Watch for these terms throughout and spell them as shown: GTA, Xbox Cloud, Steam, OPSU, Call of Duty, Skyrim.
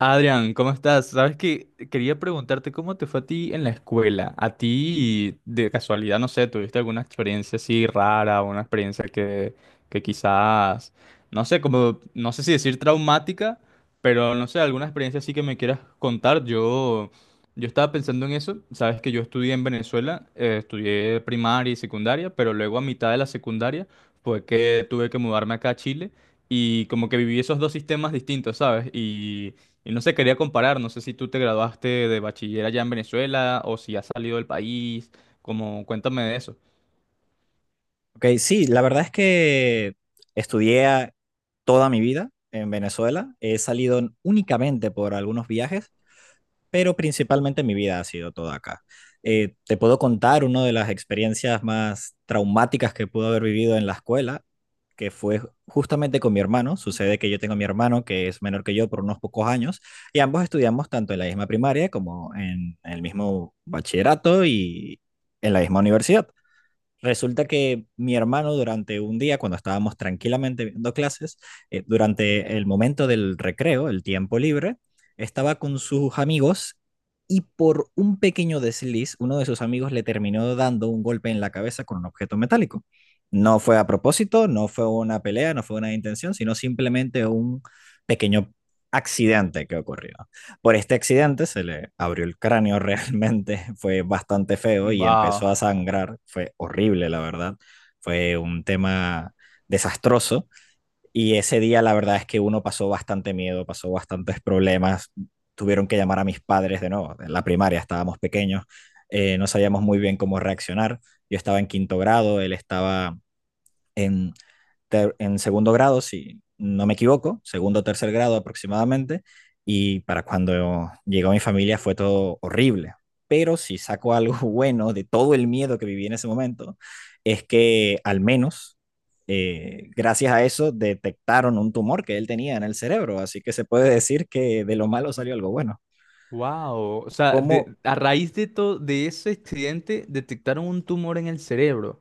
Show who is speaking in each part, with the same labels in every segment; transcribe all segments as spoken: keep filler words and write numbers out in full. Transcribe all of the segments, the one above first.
Speaker 1: Adrián, ¿cómo estás? Sabes que quería preguntarte cómo te fue a ti en la escuela. A ti, de casualidad, no sé, ¿tuviste alguna experiencia así rara, una experiencia que, que quizás, no sé, como, no sé si decir traumática, pero no sé, alguna experiencia así que me quieras contar? Yo, yo estaba pensando en eso. Sabes que yo estudié en Venezuela, eh, estudié primaria y secundaria, pero luego a mitad de la secundaria fue que tuve que mudarme acá a Chile y como que viví esos dos sistemas distintos, ¿sabes? Y y no se quería comparar, no sé si tú te graduaste de bachiller allá en Venezuela o si has salido del país, como cuéntame de eso.
Speaker 2: Ok, sí, la verdad es que estudié toda mi vida en Venezuela. He salido únicamente por algunos viajes, pero principalmente mi vida ha sido toda acá. Eh, te puedo contar una de las experiencias más traumáticas que pude haber vivido en la escuela, que fue justamente con mi hermano. Sucede que yo tengo a mi hermano que es menor que yo por unos pocos años y ambos estudiamos tanto en la misma primaria como en el mismo bachillerato y en la misma universidad. Resulta que mi hermano durante un día, cuando estábamos tranquilamente viendo clases, eh, durante el momento del recreo, el tiempo libre, estaba con sus amigos y por un pequeño desliz, uno de sus amigos le terminó dando un golpe en la cabeza con un objeto metálico. No fue a propósito, no fue una pelea, no fue una intención, sino simplemente un pequeño accidente que ocurrió. Por este accidente se le abrió el cráneo realmente, fue bastante feo y empezó
Speaker 1: Wow.
Speaker 2: a sangrar, fue horrible la verdad, fue un tema desastroso y ese día la verdad es que uno pasó bastante miedo, pasó bastantes problemas, tuvieron que llamar a mis padres de nuevo, en la primaria estábamos pequeños, eh, no sabíamos muy bien cómo reaccionar, yo estaba en quinto grado, él estaba en ter- en segundo grado, si no me equivoco, segundo o tercer grado aproximadamente, y para cuando llegó mi familia fue todo horrible. Pero si saco algo bueno de todo el miedo que viví en ese momento, es que al menos eh, gracias a eso detectaron un tumor que él tenía en el cerebro, así que se puede decir que de lo malo salió algo bueno.
Speaker 1: Wow. O sea,
Speaker 2: Como,
Speaker 1: de- a raíz de todo de ese accidente detectaron un tumor en el cerebro.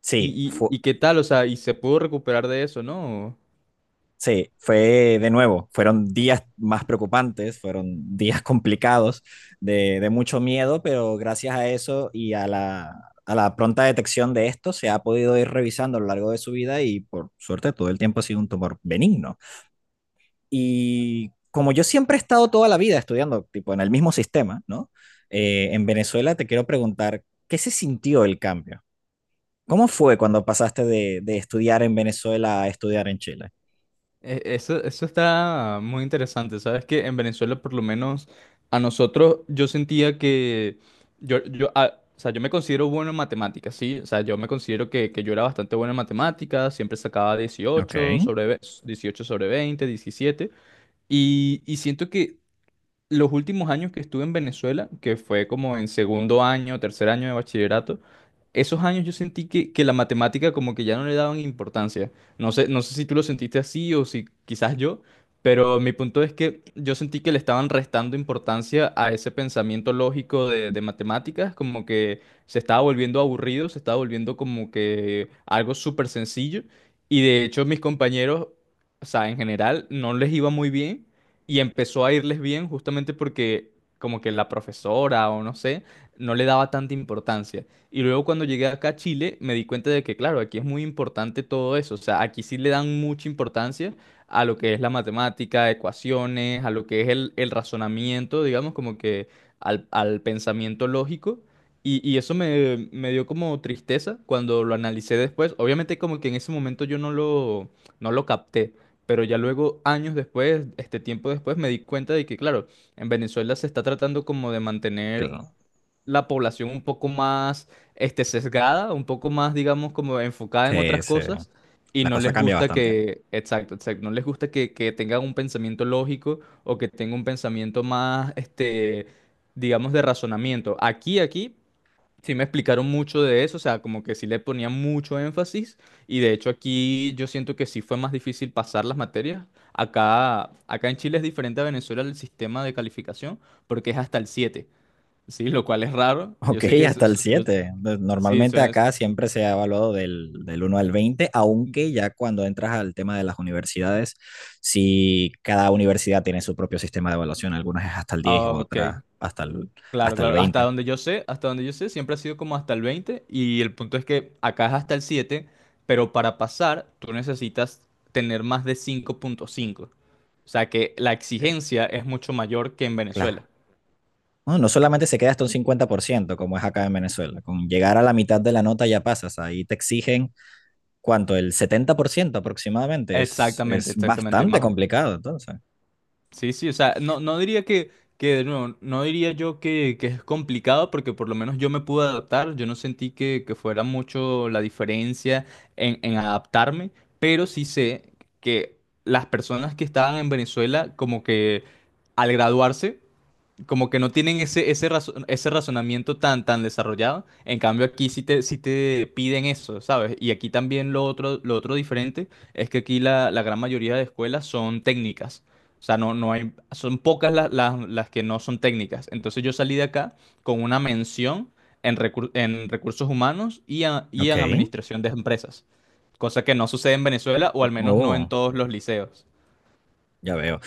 Speaker 2: sí,
Speaker 1: ¿Y,
Speaker 2: fue,
Speaker 1: y, y qué tal? O sea, y se pudo recuperar de eso, ¿no?
Speaker 2: sí, fue de nuevo, fueron días más preocupantes, fueron días complicados, de, de mucho miedo, pero gracias a eso y a la, a la pronta detección de esto se ha podido ir revisando a lo largo de su vida y por suerte todo el tiempo ha sido un tumor benigno. Y como yo siempre he estado toda la vida estudiando, tipo, en el mismo sistema, ¿no? Eh, en Venezuela te quiero preguntar, ¿qué se sintió el cambio? ¿Cómo fue cuando pasaste de, de estudiar en Venezuela a estudiar en Chile?
Speaker 1: E- Eso, eso está muy interesante, ¿sabes? Que en Venezuela, por lo menos a nosotros, yo sentía que yo, yo, ah, o sea, yo me considero bueno en matemáticas, ¿sí? O sea, yo me considero que, que yo era bastante bueno en matemáticas, siempre sacaba
Speaker 2: Ok,
Speaker 1: dieciocho sobre, ve- dieciocho sobre veinte diecisiete y, y siento que los últimos años que estuve en Venezuela, que fue como en segundo año, tercer año de bachillerato, esos años yo sentí que, que la matemática como que ya no le daban importancia. No sé, no sé si tú lo sentiste así o si quizás yo, pero mi punto es que yo sentí que le estaban restando importancia a ese pensamiento lógico de, de matemáticas, como que se estaba volviendo aburrido, se estaba volviendo como que algo súper sencillo. Y de hecho mis compañeros, o sea, en general no les iba muy bien y empezó a irles bien justamente porque como que la profesora o no sé, no le daba tanta importancia. Y luego cuando llegué acá a Chile me di cuenta de que claro, aquí es muy importante todo eso, o sea, aquí sí le dan mucha importancia a lo que es la matemática, ecuaciones, a lo que es el, el razonamiento, digamos, como que al, al pensamiento lógico. Y, y eso me, me dio como tristeza cuando lo analicé después. Obviamente como que en ese momento yo no lo, no lo capté. Pero ya luego, años después, este tiempo después, me di cuenta de que, claro, en Venezuela se está tratando como de mantener
Speaker 2: claro.
Speaker 1: la población un poco más, este, sesgada, un poco más, digamos, como enfocada en
Speaker 2: Sí,
Speaker 1: otras
Speaker 2: sí.
Speaker 1: cosas. Y
Speaker 2: La
Speaker 1: no
Speaker 2: cosa
Speaker 1: les
Speaker 2: cambia
Speaker 1: gusta
Speaker 2: bastante.
Speaker 1: que, exacto, exacto, no les gusta que, que tengan un pensamiento lógico o que tenga un pensamiento más, este, digamos, de razonamiento. Aquí, aquí, sí me explicaron mucho de eso, o sea, como que sí le ponían mucho énfasis y de hecho aquí yo siento que sí fue más difícil pasar las materias. Acá, acá en Chile es diferente a Venezuela el sistema de calificación porque es hasta el siete, ¿sí? Lo cual es raro. Yo
Speaker 2: Ok,
Speaker 1: sé que es-
Speaker 2: hasta
Speaker 1: es-
Speaker 2: el
Speaker 1: yo,
Speaker 2: siete. Pues,
Speaker 1: sí, eso
Speaker 2: normalmente
Speaker 1: es-
Speaker 2: acá siempre se ha evaluado del, del uno al veinte, aunque ya cuando entras al tema de las universidades, si cada universidad tiene su propio sistema de evaluación, algunas es hasta el diez,
Speaker 1: ah, ok,
Speaker 2: otras hasta el,
Speaker 1: claro,
Speaker 2: hasta el
Speaker 1: claro. Hasta
Speaker 2: veinte.
Speaker 1: donde yo sé, hasta donde yo sé, siempre ha sido como hasta el veinte y el punto es que acá es hasta el siete, pero para pasar tú necesitas tener más de cinco punto cinco. O sea que la
Speaker 2: Ok,
Speaker 1: exigencia es mucho mayor que en Venezuela.
Speaker 2: claro. No, no solamente se queda hasta un cincuenta por ciento como es acá en Venezuela, con llegar a la mitad de la nota ya pasas, ahí te exigen cuánto, el setenta por ciento aproximadamente, es,
Speaker 1: Exactamente,
Speaker 2: es
Speaker 1: exactamente.
Speaker 2: bastante
Speaker 1: Más,
Speaker 2: complicado entonces.
Speaker 1: sí, sí, o sea, no, no diría que, que de nuevo, no diría yo que, que es complicado porque por lo menos yo me pude adaptar, yo no sentí que, que fuera mucho la diferencia en, en adaptarme, pero sí sé que las personas que estaban en Venezuela como que al graduarse como que no tienen ese, ese, razo- ese razonamiento tan, tan desarrollado. En cambio, aquí sí te, sí te piden eso, ¿sabes? Y aquí también lo otro, lo otro diferente es que aquí la, la gran mayoría de escuelas son técnicas. O sea, no, no hay, son pocas la- la- las que no son técnicas. Entonces yo salí de acá con una mención en, recur- en recursos humanos y, a- y
Speaker 2: Ok.
Speaker 1: en administración de empresas. Cosa que no sucede en Venezuela, o al menos no en
Speaker 2: Oh,
Speaker 1: todos los liceos.
Speaker 2: ya veo.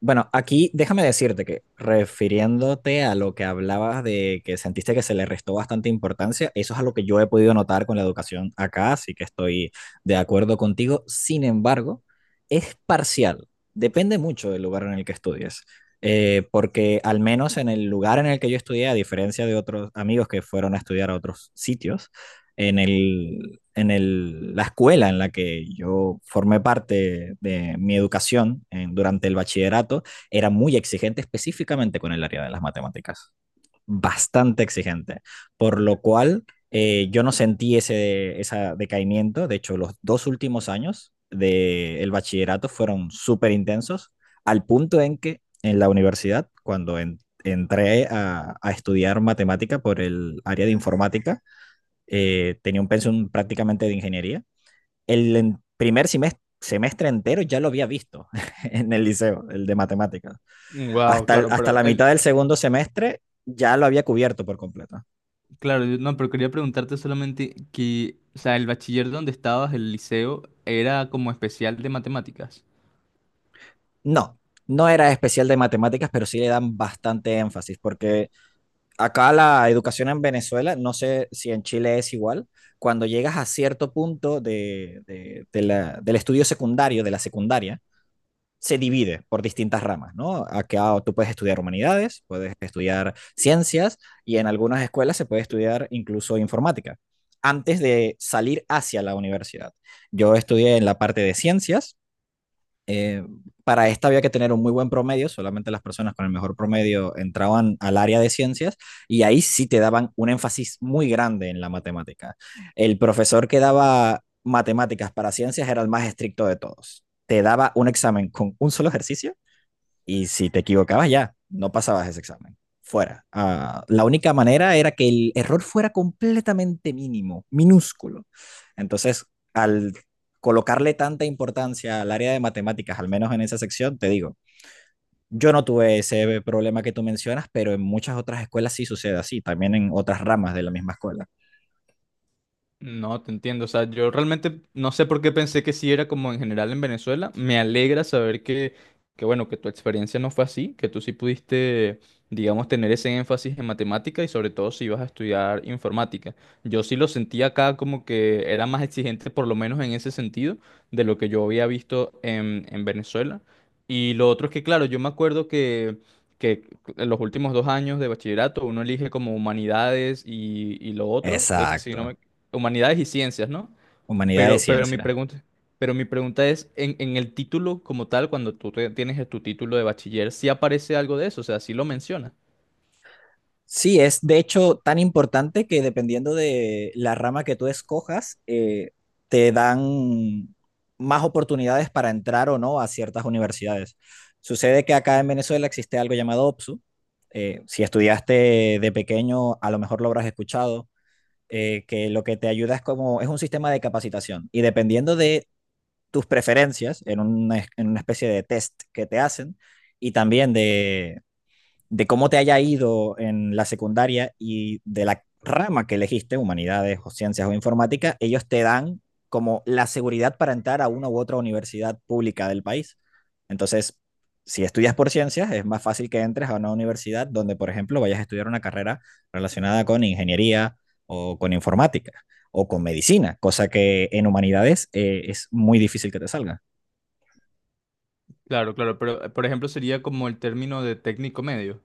Speaker 2: Bueno, aquí déjame decirte que refiriéndote a lo que hablabas de que sentiste que se le restó bastante importancia, eso es algo que yo he podido notar con la educación acá, así que estoy de acuerdo contigo. Sin embargo, es parcial. Depende mucho del lugar en el que estudies. Eh, porque al menos en el lugar en el que yo estudié, a diferencia de otros amigos que fueron a estudiar a otros sitios, en el, en el- la escuela en la que yo formé parte de mi educación en- durante el bachillerato era muy exigente específicamente con el área de las matemáticas, bastante exigente, por lo cual eh, yo no sentí ese, ese decaimiento, de hecho los dos últimos años del bachillerato fueron súper intensos, al punto en que en la universidad, cuando en- entré a, a estudiar matemática por el área de informática, eh, tenía un pensum prácticamente de ingeniería. El en- primer semestre, semestre entero ya lo había visto en el liceo, el de matemáticas.
Speaker 1: Wow,
Speaker 2: Hasta, el-
Speaker 1: claro,
Speaker 2: hasta
Speaker 1: pero
Speaker 2: la
Speaker 1: el,
Speaker 2: mitad del segundo semestre ya lo había cubierto por completo.
Speaker 1: Claro, yo- no, pero quería preguntarte solamente que, o sea, el bachiller donde estabas, el liceo, era como especial de matemáticas.
Speaker 2: No, no era especial de matemáticas, pero sí le dan bastante énfasis, porque acá la educación en Venezuela, no sé si en Chile es igual, cuando llegas a cierto punto de, de- de la- del estudio secundario, de la secundaria, se divide por distintas ramas, ¿no? Acá tú puedes estudiar humanidades, puedes estudiar ciencias y en algunas escuelas se puede estudiar incluso informática, antes de salir hacia la universidad. Yo estudié en la parte de ciencias, eh, para esta había que tener un muy buen promedio, solamente las personas con el mejor promedio entraban al área de ciencias y ahí sí te daban un énfasis muy grande en la matemática. El profesor que daba matemáticas para ciencias era el más estricto de todos. Te daba un examen con un solo ejercicio y si te equivocabas ya, no pasabas ese examen. Fuera. Ah, la única manera era que el error fuera completamente mínimo, minúsculo. Entonces, al colocarle tanta importancia al área de matemáticas, al menos en esa sección, te digo, yo no tuve ese problema que tú mencionas, pero en muchas otras escuelas sí sucede así, también en otras ramas de la misma escuela.
Speaker 1: No, te entiendo. O sea, yo realmente no sé por qué pensé que sí era como en general en Venezuela. Me alegra saber que, que, bueno, que tu experiencia no fue así, que tú sí pudiste, digamos, tener ese énfasis en matemática y sobre todo si ibas a estudiar informática. Yo sí lo sentí acá como que era más exigente, por lo menos en ese sentido, de lo que yo había visto en, en Venezuela. Y lo otro es que, claro, yo me acuerdo que... que en los últimos dos años de bachillerato uno elige como humanidades y, y lo otro, eh, si no
Speaker 2: Exacto.
Speaker 1: me humanidades y ciencias, ¿no?
Speaker 2: Humanidades de
Speaker 1: Pero, pero mi
Speaker 2: ciencia.
Speaker 1: pregunta, pero mi pregunta, es, en, en el título como tal, cuando tú te- tienes tu título de bachiller, ¿sí aparece algo de eso? O sea, ¿sí lo menciona?
Speaker 2: Sí, es de hecho tan importante que dependiendo de la rama que tú escojas, eh, te dan más oportunidades para entrar o no a ciertas universidades. Sucede que acá en Venezuela existe algo llamado OPSU. Eh, si estudiaste de pequeño, a lo mejor lo habrás escuchado, eh, que lo que te ayuda es como, es un sistema de capacitación y dependiendo de tus preferencias en una, en una especie de test que te hacen y también de, de cómo te haya ido en la secundaria y de la rama que elegiste, humanidades o ciencias o informática, ellos te dan como la seguridad para entrar a una u otra universidad pública del país. Entonces, si estudias por ciencias, es más fácil que entres a una universidad donde, por ejemplo, vayas a estudiar una carrera relacionada con ingeniería o con informática o con medicina, cosa que en humanidades eh, es muy difícil que te salga.
Speaker 1: Claro, claro, pero eh, por ejemplo sería como el término de técnico medio.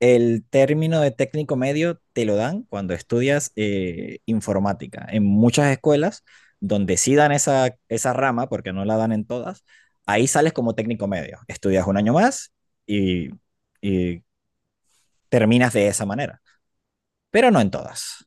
Speaker 2: El término de técnico medio te lo dan cuando estudias eh, informática. En muchas escuelas donde sí dan esa, esa rama, porque no la dan en todas, ahí sales como técnico medio. Estudias un año más y, y terminas de esa manera, pero no en todas.